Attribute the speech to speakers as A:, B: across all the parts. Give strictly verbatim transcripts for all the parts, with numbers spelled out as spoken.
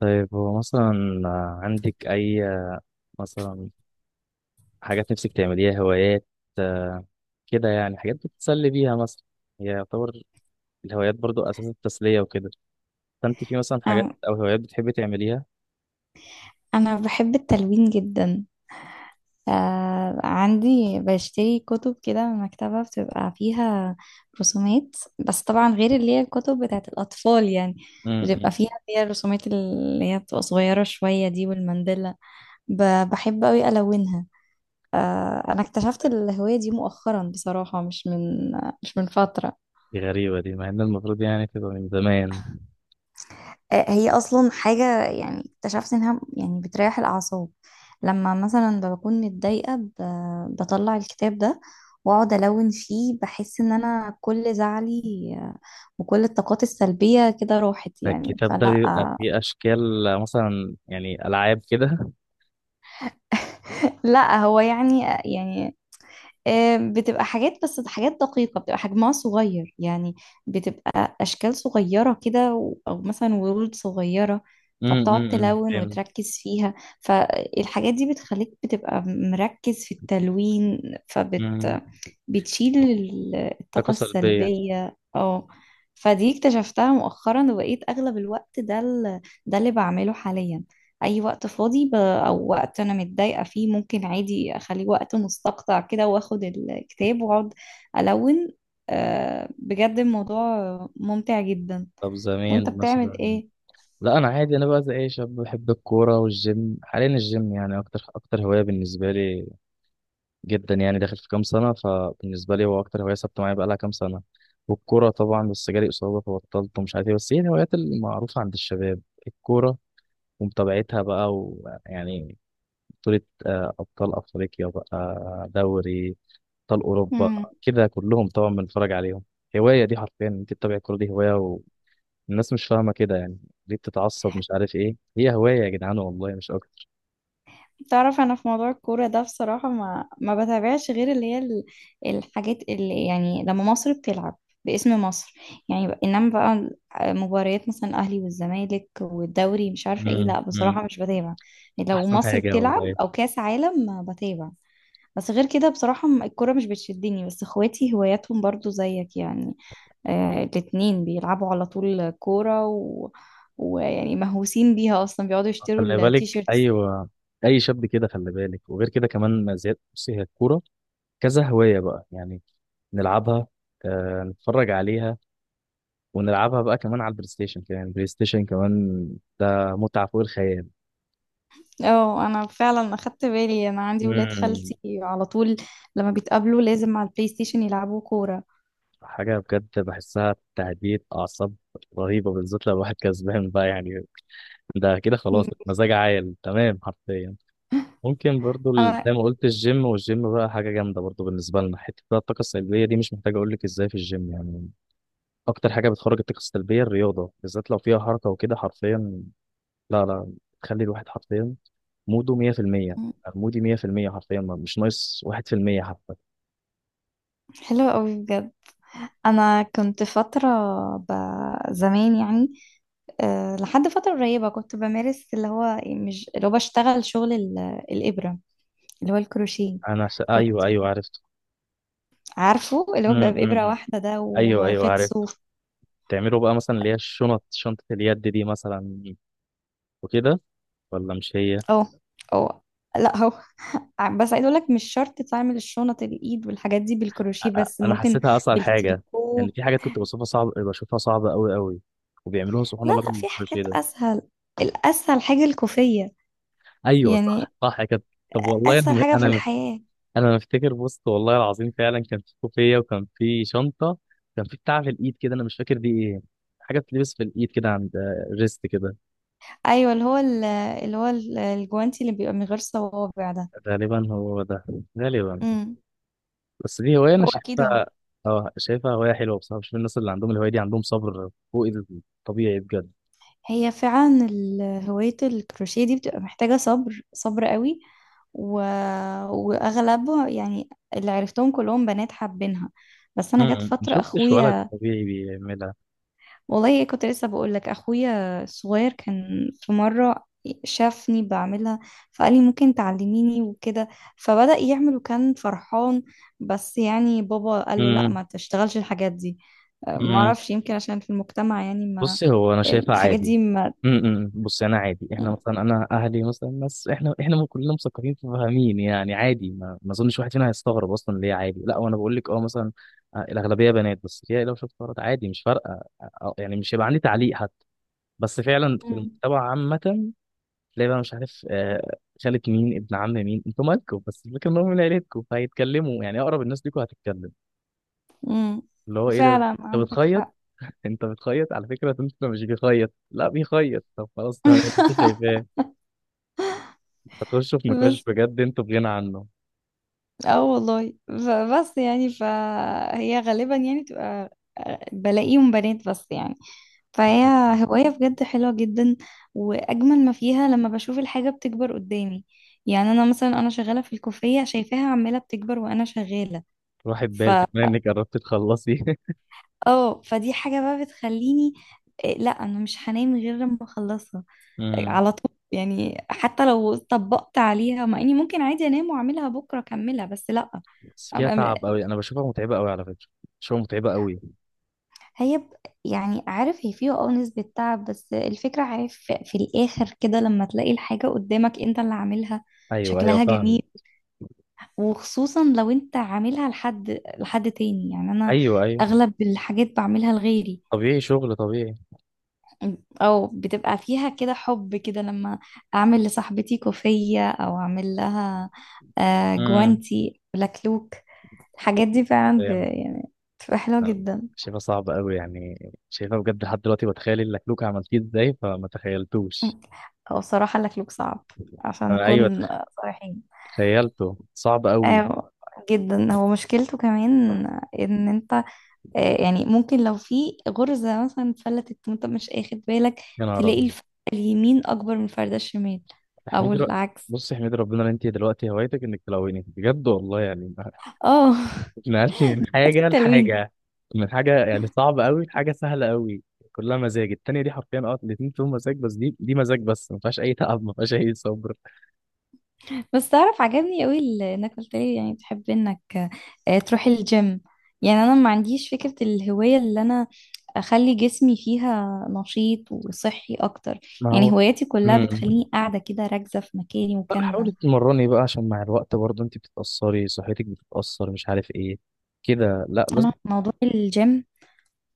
A: طيب هو مثلا عندك أي مثلا حاجات نفسك تعمليها هوايات، آه، كده يعني حاجات بتتسلي بيها مثلا. هي يعتبر الهوايات برضو أساس التسلية وكده، فأنت في مثلا حاجات
B: أم-
A: أو هوايات بتحبي تعمليها.
B: أنا بحب التلوين جدا. آه، عندي بشتري كتب كده من مكتبة بتبقى فيها رسومات، بس طبعا غير اللي هي الكتب بتاعت الأطفال، يعني
A: امم
B: بتبقى فيها فيها الرسومات اللي هي بتبقى صغيرة شوية دي والمندلة. ب- بحب أوي ألونها. آه، أنا اكتشفت الهواية دي مؤخرا بصراحة، مش من مش من فترة.
A: دي غريبة، دي مع إن المفروض يعني تبقى من زمان.
B: آه، هي اصلا حاجه يعني اكتشفت انها يعني بتريح الاعصاب، لما مثلا بكون متضايقه ب- بطلع الكتاب ده واقعد الون فيه، بحس ان انا كل زعلي، آه، وكل الطاقات السلبيه كده راحت يعني،
A: الكتاب ده
B: فلا
A: بيبقى
B: آه،
A: فيه أشكال، آه، مثلا يعني ألعاب كده.
B: لا هو يعني يعني آم، بتبقى حاجات، بس حاجات دقيقة بتبقى حجمها صغير يعني، بتبقى أشكال صغيرة كده و- أو مثلا ورود صغيرة،
A: امم
B: فبتقعد
A: امم
B: تلون
A: فهمت.
B: وتركز فيها، فالحاجات دي بتخليك بتبقى مركز في التلوين، فبت
A: امم،
B: بتشيل ال-
A: طاقة
B: الطاقة
A: سلبية.
B: السلبية. اه فدي اكتشفتها مؤخرا، وبقيت أغلب الوقت ده ال- ده اللي بعمله حاليا. أي وقت فاضي ب... أو وقت أنا متضايقة فيه، ممكن عادي أخليه وقت مستقطع كده، وآخد الكتاب وأقعد ألون. آه، بجد الموضوع ممتع جدا.
A: طب
B: وأنت
A: زمان
B: بتعمل
A: مثلا،
B: إيه؟
A: لا انا عادي، انا بقى زي اي شاب بحب الكوره والجيم. حاليا الجيم يعني اكتر اكتر هوايه بالنسبه لي جدا، يعني داخل في كام سنه، فبالنسبه لي هو اكتر هوايه ثابته معايا بقى لها كام سنه. والكوره طبعا، بس جالي اصابه فبطلت ومش عارف ايه، بس هي الهوايات المعروفه عند الشباب: الكوره ومتابعتها بقى، ويعني بطوله، آه، ابطال افريقيا بقى، دوري ابطال اوروبا، كده كلهم طبعا بنتفرج عليهم. هوايه دي، حرفيا انت تتابع الكوره دي هوايه. الناس مش فاهمة كده يعني، ليه بتتعصب مش عارف ايه؟ هي هواية يا جدعان والله، مش أكتر.
B: تعرف انا في موضوع الكوره ده بصراحه ما ما بتابعش غير اللي هي ال- الحاجات اللي يعني لما مصر بتلعب باسم مصر، يعني ب- انما بقى مباريات مثلا الاهلي والزمالك والدوري مش عارفه ايه،
A: مم.
B: لا
A: مم.
B: بصراحه مش بتابع. لو
A: أحسن
B: مصر
A: حاجة
B: بتلعب
A: والله.
B: او كاس عالم ما بتابع. بس غير كده بصراحه م- الكوره مش بتشدني، بس اخواتي هواياتهم برضو زيك يعني، آه الاتنين بيلعبوا على طول كوره و... ويعني مهووسين بيها اصلا، بيقعدوا يشتروا
A: خلي بالك،
B: التيشيرت.
A: أيوة، أي شاب كده خلي بالك. وغير كده كمان ما زياد، بصي هي الكورة كذا هواية بقى يعني. نلعبها، آه، نتفرج عليها، ونلعبها بقى كمان على البلاي ستيشن. كمان البلاي ستيشن كمان ده متعة فوق الخيال.
B: اه انا فعلا اخدت بالي، انا عندي ولاد
A: مم.
B: خالتي على طول لما بيتقابلوا لازم على البلاي ستيشن يلعبوا كورة.
A: حاجة بجد بحسها تهديد أعصاب رهيبة، بالذات لو واحد كسبان بقى يعني. ده كده خلاص
B: م-
A: مزاج عال تمام حرفيا. ممكن برضو ال- زي
B: انا
A: ما قلت، الجيم. والجيم بقى حاجة جامدة برضو بالنسبة لنا. حتة بقى الطاقة السلبية دي مش محتاج أقول لك إزاي في الجيم يعني. أكتر حاجة بتخرج الطاقة السلبية الرياضة، بالذات لو فيها حركة وكده حرفيا. لا لا تخلي الواحد حرفيا موده مية في المية،
B: م-
A: مودي مية في المية حرفيا، ما- مش ناقص واحد في المية حتى.
B: حلوة قوي بجد. انا كنت فترة ب... زمان يعني، أه لحد فترة قريبة كنت بمارس اللي هو مش اللي هو بشتغل شغل ال... الإبرة، اللي هو الكروشيه.
A: أنا س...
B: كنت
A: أيوه أيوه عرفت.
B: عارفه اللي
A: م-
B: هو بيبقى بإبرة
A: م- م.
B: واحدة ده
A: أيوه أيوه
B: وخيط
A: عرفت.
B: صوف.
A: تعملوا بقى مثلا اللي هي الشنط، شنطة اليد دي مثلا وكده، ولا مش هي؟
B: اه اه لا هو بس عايز اقول لك مش شرط تعمل الشنط الايد والحاجات دي بالكروشيه، بس
A: انا
B: ممكن
A: حسيتها اصعب حاجه
B: بالتريكو.
A: يعني. في حاجات كنت بشوفها صعب، بشوفها صعبه قوي قوي، وبيعملوها سبحان
B: لا
A: الله
B: لا في
A: بالكروشيه
B: حاجات
A: ده.
B: اسهل، الاسهل حاجه الكوفيه
A: ايوه
B: يعني،
A: صح صح يا كابتن. طب والله
B: اسهل
A: انا
B: حاجه في
A: انا
B: الحياه.
A: انا مفتكر بوست والله العظيم، فعلا كان في كوفيه وكان في شنطه، كان في بتاع في الايد كده انا مش فاكر دي ايه، حاجه بتلبس في الايد كده عند ريست كده.
B: ايوه اللي هو ال- اللي هو ال- الجوانتي اللي بيبقى من غير صوابع ده.
A: غالبا هو ده، غالبا.
B: امم
A: بس دي هوايه انا
B: هو اكيد هو.
A: شايفها، اه شايفها هوايه حلوه بصراحه. بشوف الناس اللي عندهم الهوايه دي عندهم صبر فوق الطبيعي بجد.
B: هي فعلا ال- هواية الكروشيه دي بتبقى محتاجة صبر صبر قوي، و... وأغلبه يعني اللي عرفتهم كلهم بنات حابينها، بس
A: م-
B: أنا جت
A: م. ما
B: فترة
A: شفتش ولد
B: أخويا.
A: طبيعي بيعملها.
B: والله إيه كنت لسه بقول لك، أخويا الصغير كان في مرة شافني بعملها، فقال لي ممكن تعلميني وكده، فبدأ يعمل وكان فرحان، بس يعني بابا قال له لا
A: امم
B: ما تشتغلش الحاجات دي. أه،
A: امم،
B: معرفش يمكن عشان في المجتمع يعني، ما
A: بصي هو انا شايفها
B: الحاجات
A: عادي.
B: دي
A: امم امم، امم. بصي انا عادي.
B: ما
A: احنا مثلا انا اهلي مثلا ناس، احنا احنا كلنا مثقفين فاهمين يعني عادي، ما, ما اظنش واحد فينا هيستغرب اصلا ليه. عادي، لا، وانا بقول لك اه مثلا آه، الاغلبيه بنات، بس هي لو شفت ولد عادي مش فارقه. آه، آه، يعني مش هيبقى عندي تعليق حتى. بس فعلا في المجتمع عامه تلاقي بقى مش عارف آه، خالة مين، ابن عم مين، انتوا مالكم؟ بس الفكره ان هم من عيلتكم فهيتكلموا. يعني اقرب الناس ليكوا هتتكلم
B: امم،
A: اللي هو ايه ده،
B: فعلا
A: انت
B: عندك
A: بتخيط؟
B: حق.
A: انت بتخيط على فكره، انت مش بيخيط، لا بيخيط، طب خلاص تمام انت شايفاه. هتخشوا في نقاش
B: بس
A: بجد انتوا بغنى عنه.
B: اه والله بس يعني فهي غالبا يعني تبقى آه، بلاقيهم بنات بس يعني. فهي هواية بجد حلوة جدا، وأجمل ما فيها لما بشوف الحاجة بتكبر قدامي، يعني أنا مثلا أنا شغالة في الكوفية شايفاها عمالة بتكبر وأنا شغالة.
A: روحي
B: ف
A: ببال كمان انك قربتي تخلصي
B: اه فدي حاجة بقى بتخليني، إيه، لا أنا مش هنام غير لما أخلصها
A: امم.
B: على طول يعني، حتى لو طبقت عليها، مع اني ممكن عادي انام واعملها بكره اكملها، بس لا.
A: بس
B: أم-
A: فيها تعب
B: أم-
A: قوي، انا بشوفها متعبه قوي على فكره، بشوفها متعبه قوي.
B: هي ب- يعني عارف هي فيها اه نسبة تعب، بس الفكرة عارف في في الآخر كده لما تلاقي الحاجة قدامك انت اللي عاملها
A: ايوه ايوه
B: شكلها
A: فاهم.
B: جميل، وخصوصا لو انت عاملها لحد لحد تاني يعني، انا
A: ايوه ايوه،
B: اغلب الحاجات بعملها لغيري،
A: طبيعي، شغل طبيعي.
B: او بتبقى فيها كده حب كده لما اعمل لصاحبتي كوفية او اعمل لها آه،
A: امم،
B: جوانتي لكلوك. الحاجات دي فعلا ب...
A: فاهم.
B: يعني بتبقى حلوة
A: لا،
B: جدا.
A: شايفها صعبه قوي يعني. شايفها بجد، لحد دلوقتي بتخيل اللكلوك عملتيه ازاي فما تخيلتوش.
B: هو صراحة اللكلوك صعب عشان
A: ايوه،
B: نكون صريحين.
A: تخيلته صعب قوي.
B: آه، جدا هو مشكلته كمان ان انت آه، يعني ممكن لو في غرزة مثلا اتفلتت وانت مش اخد بالك،
A: يا نهار
B: تلاقي
A: ابيض.
B: الفردة اليمين اكبر من الفردة الشمال او
A: احمدي رب...
B: العكس.
A: بص احمدي ربنا ان انت دلوقتي هوايتك انك تلوني، بجد والله يعني.
B: اه
A: نقلتي من حاجه
B: تلوين.
A: لحاجه، من حاجه يعني صعبه قوي لحاجه سهله قوي. كلها مزاج، التانية دي حرفيا اه، الاتنين فيهم مزاج، بس دي دي مزاج بس ما فيهاش اي تعب، ما فيهاش اي صبر.
B: بس تعرف عجبني قوي ال- انك قلت لي يعني بتحب انك آه، تروحي الجيم. يعني انا ما عنديش فكرة الهواية اللي انا اخلي جسمي فيها نشيط وصحي اكتر،
A: ما
B: يعني
A: هو،
B: هواياتي كلها
A: امم،
B: بتخليني قاعدة كده راكزة في مكاني
A: لا،
B: مكاننا.
A: حاولي تمرني بقى عشان مع الوقت برضه انت بتتأثري، صحتك بتتأثر مش عارف ايه كده، لا لازم.
B: انا موضوع الجيم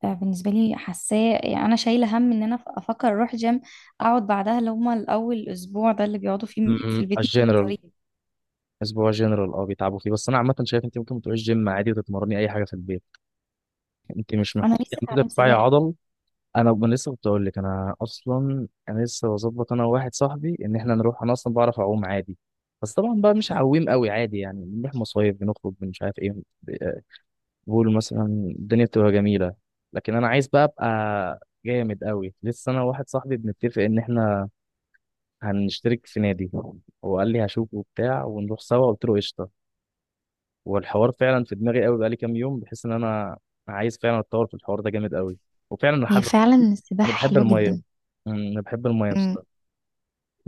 B: آه، بالنسبة لي حاساه يعني أنا شايلة هم إن أنا أفكر أروح جيم، أقعد بعدها اللي هما الأول أسبوع ده اللي بيقعدوا فيه في
A: امم،
B: البيت
A: الجنرال،
B: مضطرين.
A: اسبوع جنرال اه بيتعبوا فيه. بس انا عامه شايف انت ممكن تروحي الجيم عادي وتتمرني اي حاجه في البيت، انت مش
B: أنا
A: محتاجه ان
B: لسه
A: انت
B: أتعلم
A: ترفعي
B: سباحة.
A: عضل. انا انا لسه كنت اقول لك انا اصلا، انا لسه بظبط انا وواحد صاحبي ان احنا نروح. انا اصلا بعرف اعوم عادي، بس طبعا بقى مش عويم قوي عادي، يعني بنروح مصايف بنخرج مش عارف ايه. ب- بقول مثلا الدنيا بتبقى جميله، لكن انا عايز بقى ابقى جامد قوي. لسه انا وواحد صاحبي بنتفق ان احنا هنشترك في نادي، هو قال لي هشوفه وبتاع ونروح سوا، قلت له قشطه. والحوار فعلا في دماغي قوي بقالي كام يوم، بحيث ان انا عايز فعلا اتطور في الحوار ده جامد قوي. وفعلا انا
B: هي
A: حابب.
B: فعلا
A: انا
B: السباحة
A: بحب
B: حلوة
A: الميه،
B: جدا.
A: مم، انا بحب الميه بصراحه،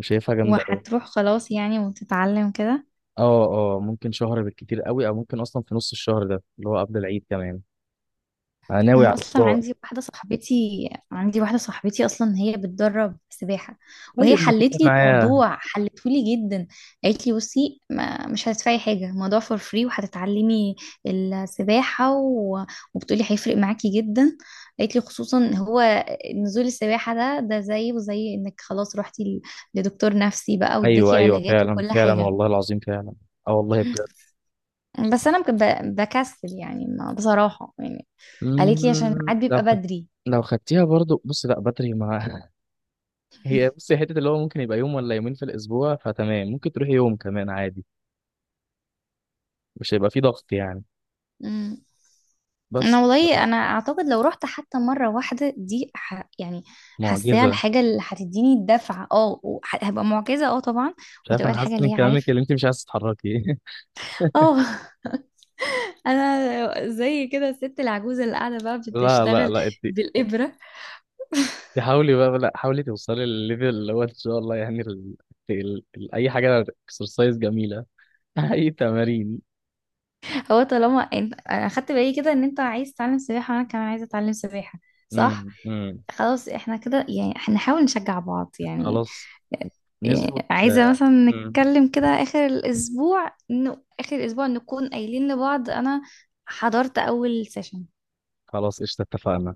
A: شايفها جامده قوي.
B: وهتروح خلاص يعني وتتعلم كده.
A: اه. اه ممكن شهر بالكتير قوي، او ممكن اصلا في نص الشهر ده اللي هو قبل العيد كمان، انا ناوي على
B: انا اصلا
A: الموضوع.
B: عندي واحده صاحبتي عندي واحده صاحبتي اصلا هي بتدرب سباحه، وهي
A: طيب ما تتفق
B: حلت لي
A: معايا.
B: الموضوع، حلته لي جدا، قالت لي بصي ما مش هتدفعي حاجه، الموضوع فور فري، وهتتعلمي السباحه و... وبتقولي هيفرق معاكي جدا، قالت لي خصوصا هو نزول السباحه ده ده زيه زي انك خلاص روحتي ل- لدكتور نفسي بقى
A: ايوه
B: واداكي
A: ايوه
B: علاجات
A: فعلا
B: وكل
A: فعلا
B: حاجه.
A: والله العظيم فعلا. اه والله بجد.
B: بس انا ب- بكسل يعني ما بصراحة يعني، قالت لي عشان
A: مم،
B: الميعاد
A: لو
B: بيبقى
A: خدت،
B: بدري.
A: لو خدتيها برضو بص، لا بدري ما هي بصي حته اللي هو ممكن يبقى يوم ولا يومين في الاسبوع فتمام، ممكن تروحي يوم كمان عادي، مش هيبقى فيه ضغط يعني.
B: مم.
A: بس
B: انا والله
A: آه،
B: انا اعتقد لو رحت حتى مرة واحدة دي ح... يعني حاساها
A: معجزه.
B: الحاجة اللي هتديني الدفعة، اه وح- هبقى معجزة اه طبعا،
A: مش عارف،
B: وهتبقى
A: انا
B: الحاجة
A: حاسس
B: اللي
A: من
B: هي
A: كلامك
B: عارف
A: اللي انت مش عايز تتحركي.
B: اه. انا زي كده الست العجوزة اللي قاعدة بقى
A: لا لا
B: بتشتغل
A: لا انت،
B: بالإبرة.
A: انت حاولي بقى، لا حاولي توصلي للليفل اللي هو ان شاء الله يعني ال... ال... ال... اي حاجه اكسرسايز جميله اي تمارين.
B: هو طالما انت انا اخدت بالي كده ان انت عايز تتعلم سباحة وانا كمان عايزة اتعلم سباحة، صح،
A: امم امم.
B: خلاص احنا كده يعني هنحاول نشجع بعض يعني.
A: خلاص،
B: إيه،
A: نظبط.
B: عايزة مثلا
A: امم،
B: نتكلم كده آخر الأسبوع إنه آخر الأسبوع نكون قايلين لبعض أنا حضرت أول سيشن.
A: خلاص قشطه اتفقنا.